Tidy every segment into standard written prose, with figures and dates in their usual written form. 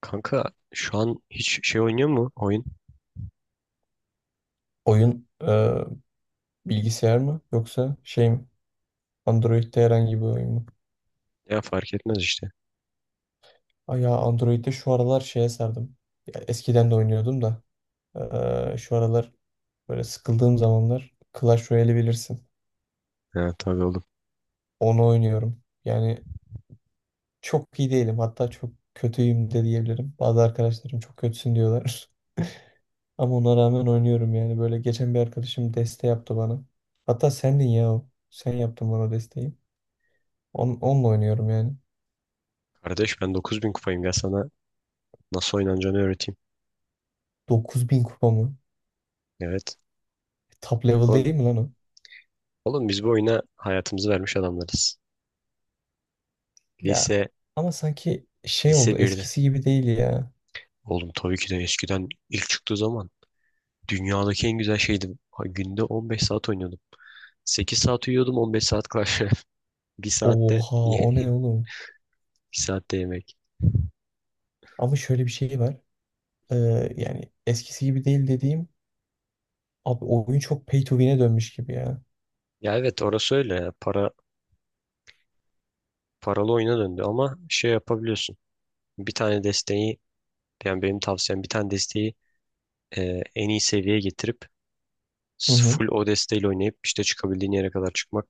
Kanka, şu an hiç şey oynuyor mu oyun? Oyun bilgisayar mı yoksa şey mi? Android'de herhangi bir oyun mu? Ya fark etmez işte. Ay ya Android'de şu aralar şeye sardım. Ya eskiden de oynuyordum da şu aralar böyle sıkıldığım zamanlar Clash Royale'i bilirsin. Ya tabii oğlum. Onu oynuyorum. Yani çok iyi değilim, hatta çok kötüyüm de diyebilirim. Bazı arkadaşlarım çok kötüsün diyorlar. Ama ona rağmen oynuyorum yani. Böyle geçen bir arkadaşım deste yaptı bana. Hatta sendin ya o. Sen yaptın bana desteği. Onunla oynuyorum yani. Kardeş, ben 9.000 kupayım, gel sana nasıl oynanacağını öğreteyim. 9000 kupa mı? Evet. Top level Oğlum, değil mi lan o? oğlum biz bu oyuna hayatımızı vermiş adamlarız. Ya Lise, ama sanki şey lise oldu, birde eskisi gibi değil ya. oğlum tabii ki de eskiden ilk çıktığı zaman dünyadaki en güzel şeydi. Ha, günde 15 saat oynuyordum. 8 saat uyuyordum, 15 saat Clash Royale. Bir saatte Oha o ne bir oğlum? saatte yemek. Ama şöyle bir şey var. Ee, yani eskisi gibi değil dediğim, abi oyun çok pay to win'e dönmüş gibi ya. Ya evet, orası öyle, ya. Paralı oyuna döndü ama şey yapabiliyorsun. Bir tane desteği Yani benim tavsiyem bir tane desteği en iyi seviyeye getirip Hı hı. full o desteğiyle oynayıp işte çıkabildiğin yere kadar çıkmak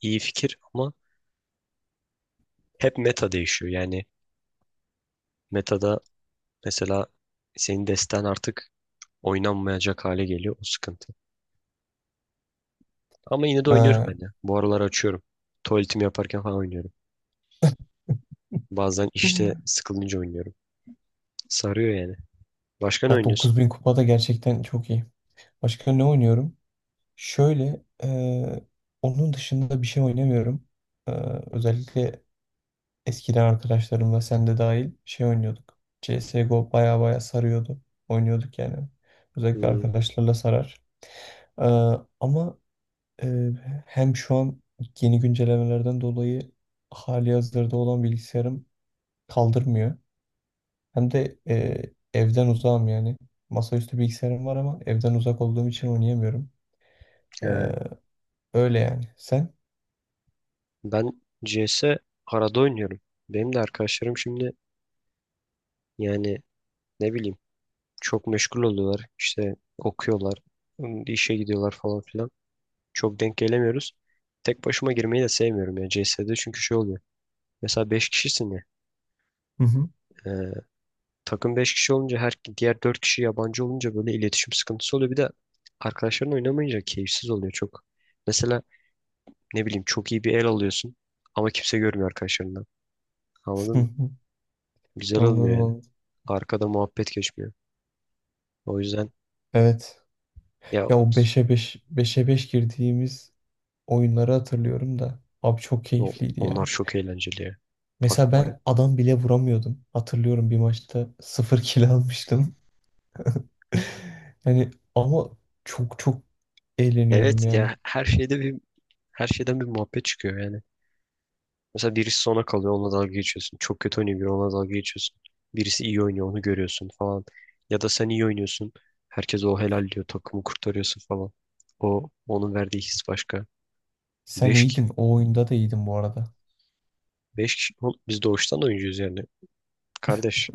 iyi fikir ama hep meta değişiyor. Yani metada mesela senin desten artık oynanmayacak hale geliyor, o sıkıntı. Ama yine de oynuyorum Ha. ben de. Bu aralar açıyorum. Tuvaletimi yaparken falan oynuyorum. Bazen işte sıkılınca oynuyorum. Sarıyor yani. Başka ne Ya oynuyorsun? 9000 kupa da gerçekten çok iyi. Başka ne oynuyorum? Şöyle onun dışında bir şey oynamıyorum. Özellikle eskiden arkadaşlarımla sen de dahil şey oynuyorduk. CSGO baya baya sarıyordu. Oynuyorduk yani. Özellikle Hmm. arkadaşlarla sarar. Ama hem şu an yeni güncellemelerden dolayı hali hazırda olan bilgisayarım kaldırmıyor. Hem de evden uzağım yani. Masaüstü bilgisayarım var ama evden uzak olduğum için oynayamıyorum. E, He. öyle yani. Sen? Ben CS arada oynuyorum. Benim de arkadaşlarım şimdi, yani, ne bileyim, çok meşgul oluyorlar. İşte okuyorlar, işe gidiyorlar falan filan. Çok denk gelemiyoruz. Tek başıma girmeyi de sevmiyorum ya CS'de, çünkü şey oluyor. Mesela 5 kişisin ya. Hı hı. e, takım 5 kişi olunca her diğer 4 kişi yabancı olunca böyle iletişim sıkıntısı oluyor. Bir de arkadaşların oynamayınca keyifsiz oluyor çok. Mesela ne bileyim çok iyi bir el alıyorsun ama kimse görmüyor arkadaşlarından. Anladın mı? Güzel olmuyor Anladım yani. anladım. Arkada muhabbet geçmiyor. O yüzden Evet. ya Ya o beşe 5 beşe 5 girdiğimiz oyunları hatırlıyorum da. Abi çok keyifliydi onlar ya. çok eğlenceli ya. Mesela Bak var ben ya. adam bile vuramıyordum. Hatırlıyorum, bir maçta sıfır kill almıştım. Yani ama çok çok eğleniyordum Evet yani. ya, her şeyde bir, her şeyden bir muhabbet çıkıyor yani. Mesela birisi sona kalıyor, onunla dalga geçiyorsun. Çok kötü oynuyor biri, onunla dalga geçiyorsun. Birisi iyi oynuyor, onu görüyorsun falan. Ya da sen iyi oynuyorsun. Herkes o helal diyor, takımı kurtarıyorsun falan. O, onun verdiği his başka. Sen Beş, ki- iyiydin. O oyunda da iyiydin bu arada. beş kişi oğlum, biz doğuştan oyuncuyuz yani. Kardeş,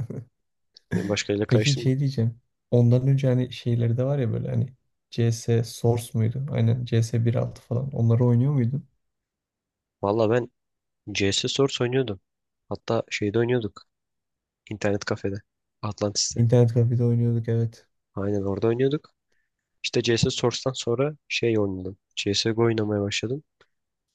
beni başkalarıyla Peki karıştırma. şey diyeceğim. Ondan önce hani şeyleri de var ya, böyle hani CS Source muydu? Aynen, CS 1.6 falan. Onları oynuyor muydun? Valla ben CS Source oynuyordum. Hatta şeyde oynuyorduk. İnternet kafede. Atlantis'te. İnternet kafede oynuyorduk, evet. Aynen orada oynuyorduk. İşte CS Source'tan sonra şey oynadım. CSGO oynamaya başladım.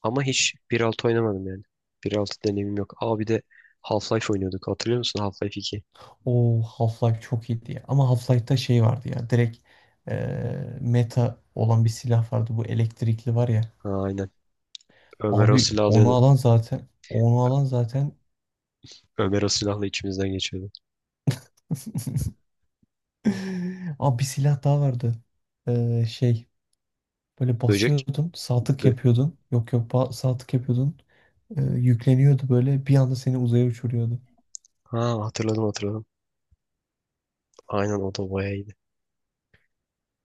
Ama hiç 1.6 oynamadım yani. 1.6 deneyimim yok. Aa, bir de Half-Life oynuyorduk. Hatırlıyor musun Half-Life 2? O Half-Life çok iyiydi ya. Ama Half-Life'da şey vardı ya. Direkt meta olan bir silah vardı. Bu elektrikli var ya. Ha, aynen. Ömer o Abi silahı onu alıyordu. alan zaten onu alan zaten Ömer o silahla içimizden geçiyordu. Abi bir silah daha vardı. Şey, böyle Böcek. basıyordun. Sağ tık Bö yapıyordun. Yok yok, sağ tık yapıyordun. Yükleniyordu, böyle bir anda seni uzaya uçuruyordu. ha hatırladım hatırladım. Aynen, o da bayağı iyiydi.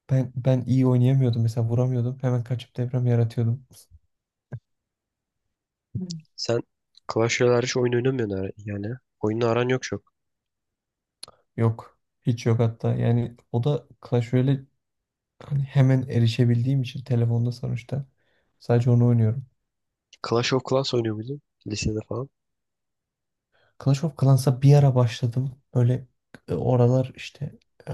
Ben iyi oynayamıyordum, mesela vuramıyordum. Hemen kaçıp deprem yaratıyordum. Hı. Sen Clash Royale hariç oyun oynamıyorsun yani. Oyunla aran yok çok. Yok. Hiç yok hatta. Yani o da Clash Royale, hani hemen erişebildiğim için telefonda sonuçta sadece onu oynuyorum. Clash of Clans oynuyor muydun? Lisede falan. Clash of Clans'a bir ara başladım. Böyle oralar işte e,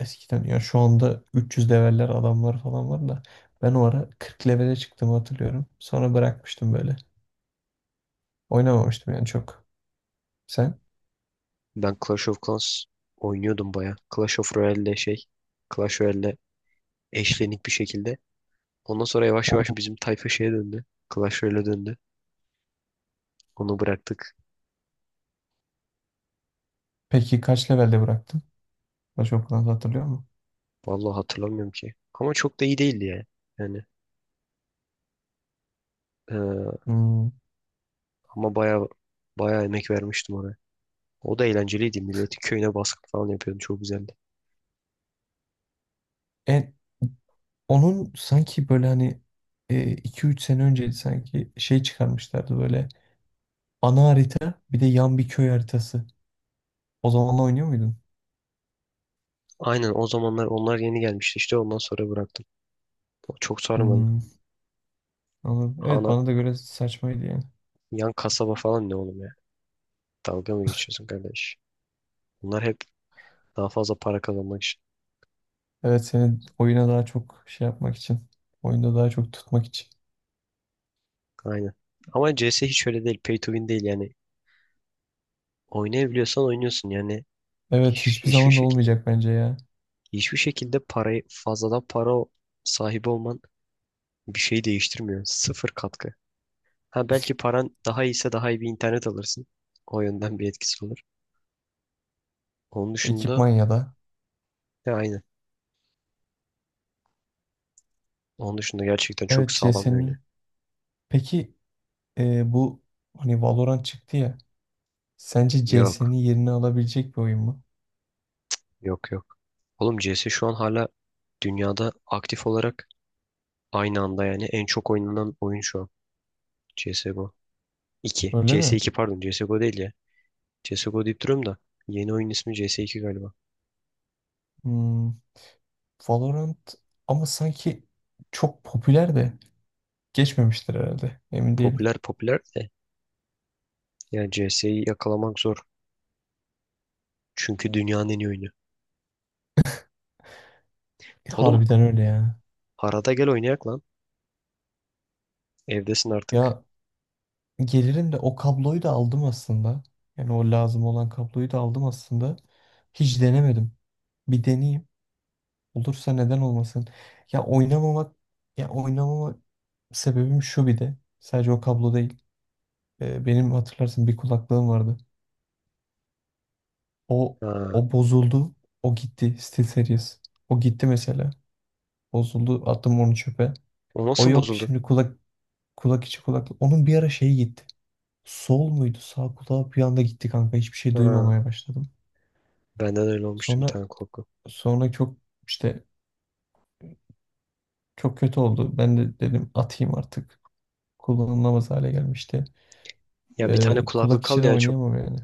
eskiden, ya şu anda 300 leveller adamlar falan var da ben o ara 40 levele çıktığımı hatırlıyorum. Sonra bırakmıştım böyle. Oynamamıştım yani çok. Sen? Ben Clash of Clans oynuyordum bayağı. Clash of Royale'le şey. Clash Royale'le eşlenik bir şekilde ondan sonra yavaş yavaş bizim tayfa şeye döndü. Clash Royale'e döndü. Onu bıraktık. Peki kaç levelde bıraktın? Başokulunu hatırlıyor musun? Vallahi hatırlamıyorum ki. Ama çok da iyi değildi ya. Yani eee, Hmm. ama baya baya emek vermiştim oraya. O da eğlenceliydi. Milletin köyüne baskın falan yapıyordu. Çok güzeldi. E, onun sanki böyle hani 2-3 sene önce sanki şey çıkarmışlardı, böyle ana harita bir de yan bir köy haritası. O zamanla oynuyor muydun? Aynen, o zamanlar onlar yeni gelmişti, işte ondan sonra bıraktım. O çok sarmadı. Hmm, anladım. Evet Ana bana da göre saçmaydı yani. yan kasaba falan ne oğlum ya? Dalga mı geçiyorsun kardeş? Bunlar hep daha fazla para kazanmak için. Evet, seni oyuna daha çok şey yapmak için. Oyunda daha çok tutmak için. Aynen. Ama CS hiç öyle değil. Pay to win değil yani. Oynayabiliyorsan oynuyorsun yani. Evet, Hiç- hiçbir Hiçbir zaman da şekilde olmayacak bence ya. hiçbir şekilde parayı fazladan sahibi olman bir şey değiştirmiyor. Sıfır katkı. Ha, belki paran daha iyiyse daha iyi bir internet alırsın. O yönden bir etkisi olur. Onun dışında Ekipman ya da. ya aynı. Onun dışında gerçekten çok Evet, sağlam CS'nin. öyle. Peki bu hani Valorant çıktı ya. Sence CS'nin Yok, yerini alabilecek bir oyun mu? yok, yok. Oğlum CS şu an hala dünyada aktif olarak aynı anda yani en çok oynanan oyun şu an. CSGO 2. CS 2, Öyle C S mi? iki pardon, C S G O değil ya. CSGO deyip duruyorum da yeni oyun ismi CS 2 galiba. Hmm, Valorant ama sanki çok popüler de geçmemiştir herhalde. Emin değilim. Popüler popüler de, yani CS'yi yakalamak zor. Çünkü dünyanın en iyi oyunu. Oğlum Harbiden öyle ya. arada gel oynayak lan. Evdesin artık. Ya gelirim de o kabloyu da aldım aslında. Yani o lazım olan kabloyu da aldım aslında. Hiç denemedim. Bir deneyeyim. Olursa neden olmasın. Ya oynamamak ya oynamama sebebim şu, bir de. Sadece o kablo değil. Benim hatırlarsın, bir kulaklığım vardı. O Ha. o bozuldu. O gitti. SteelSeries. O gitti mesela. Bozuldu. Attım onu çöpe. O O nasıl yok. bozuldu? Şimdi kulak içi kulaklık. Onun bir ara şeyi gitti. Sol muydu? Sağ kulağı bir anda gitti kanka. Hiçbir şey Ha. duymamaya başladım. Benden öyle olmuştu bir Sonra tane korku. sonra çok işte çok kötü oldu. Ben de dedim atayım artık. Kullanılamaz hale gelmişti. Ya bir tane Kulak kulaklık içi al de ya çok. oynayamam yani.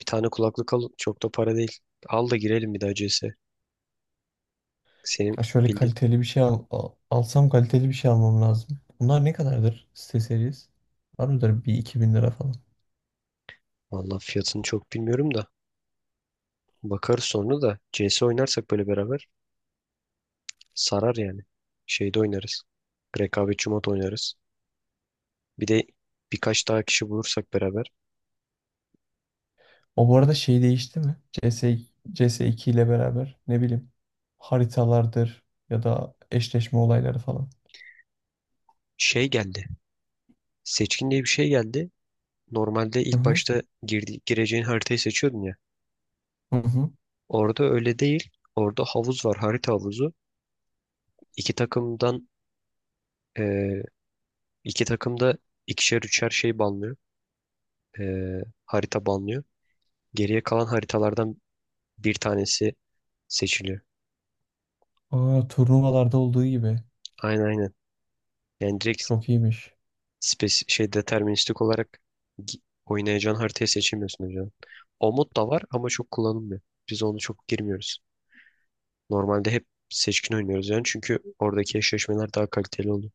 Bir tane kulaklık al, çok da para değil. Al da girelim bir daha CS. Senin Ha şöyle bildiğin. kaliteli bir şey alsam, kaliteli bir şey almam lazım. Bunlar ne kadardır SteelSeries? Var mıdır bir 2.000 lira falan? Valla fiyatını çok bilmiyorum da. Bakarız, sonra da CS oynarsak böyle beraber sarar yani. Şeyde oynarız. Rekabetçi mod oynarız. Bir de birkaç daha kişi bulursak beraber. O bu arada şey değişti mi? CS, CS2 ile beraber ne bileyim, haritalardır ya da eşleşme olayları falan. Şey geldi. Seçkin diye bir şey geldi. Normalde Hı ilk hı. başta gireceğin haritayı seçiyordun ya. Hı hı. Orada öyle değil. Orada havuz var, harita havuzu. İki takımdan eee, iki takımda ikişer üçer banlıyor. Harita banlıyor. Geriye kalan haritalardan bir tanesi seçiliyor. Aa, turnuvalarda olduğu gibi. Aynen, aynen. Yani direkt Çok iyiymiş. spes şey deterministik olarak oynayacağın haritayı seçemiyorsun hocam. O mod da var ama çok kullanılmıyor. Biz onu çok girmiyoruz. Normalde hep seçkin oynuyoruz yani çünkü oradaki eşleşmeler daha kaliteli oluyor.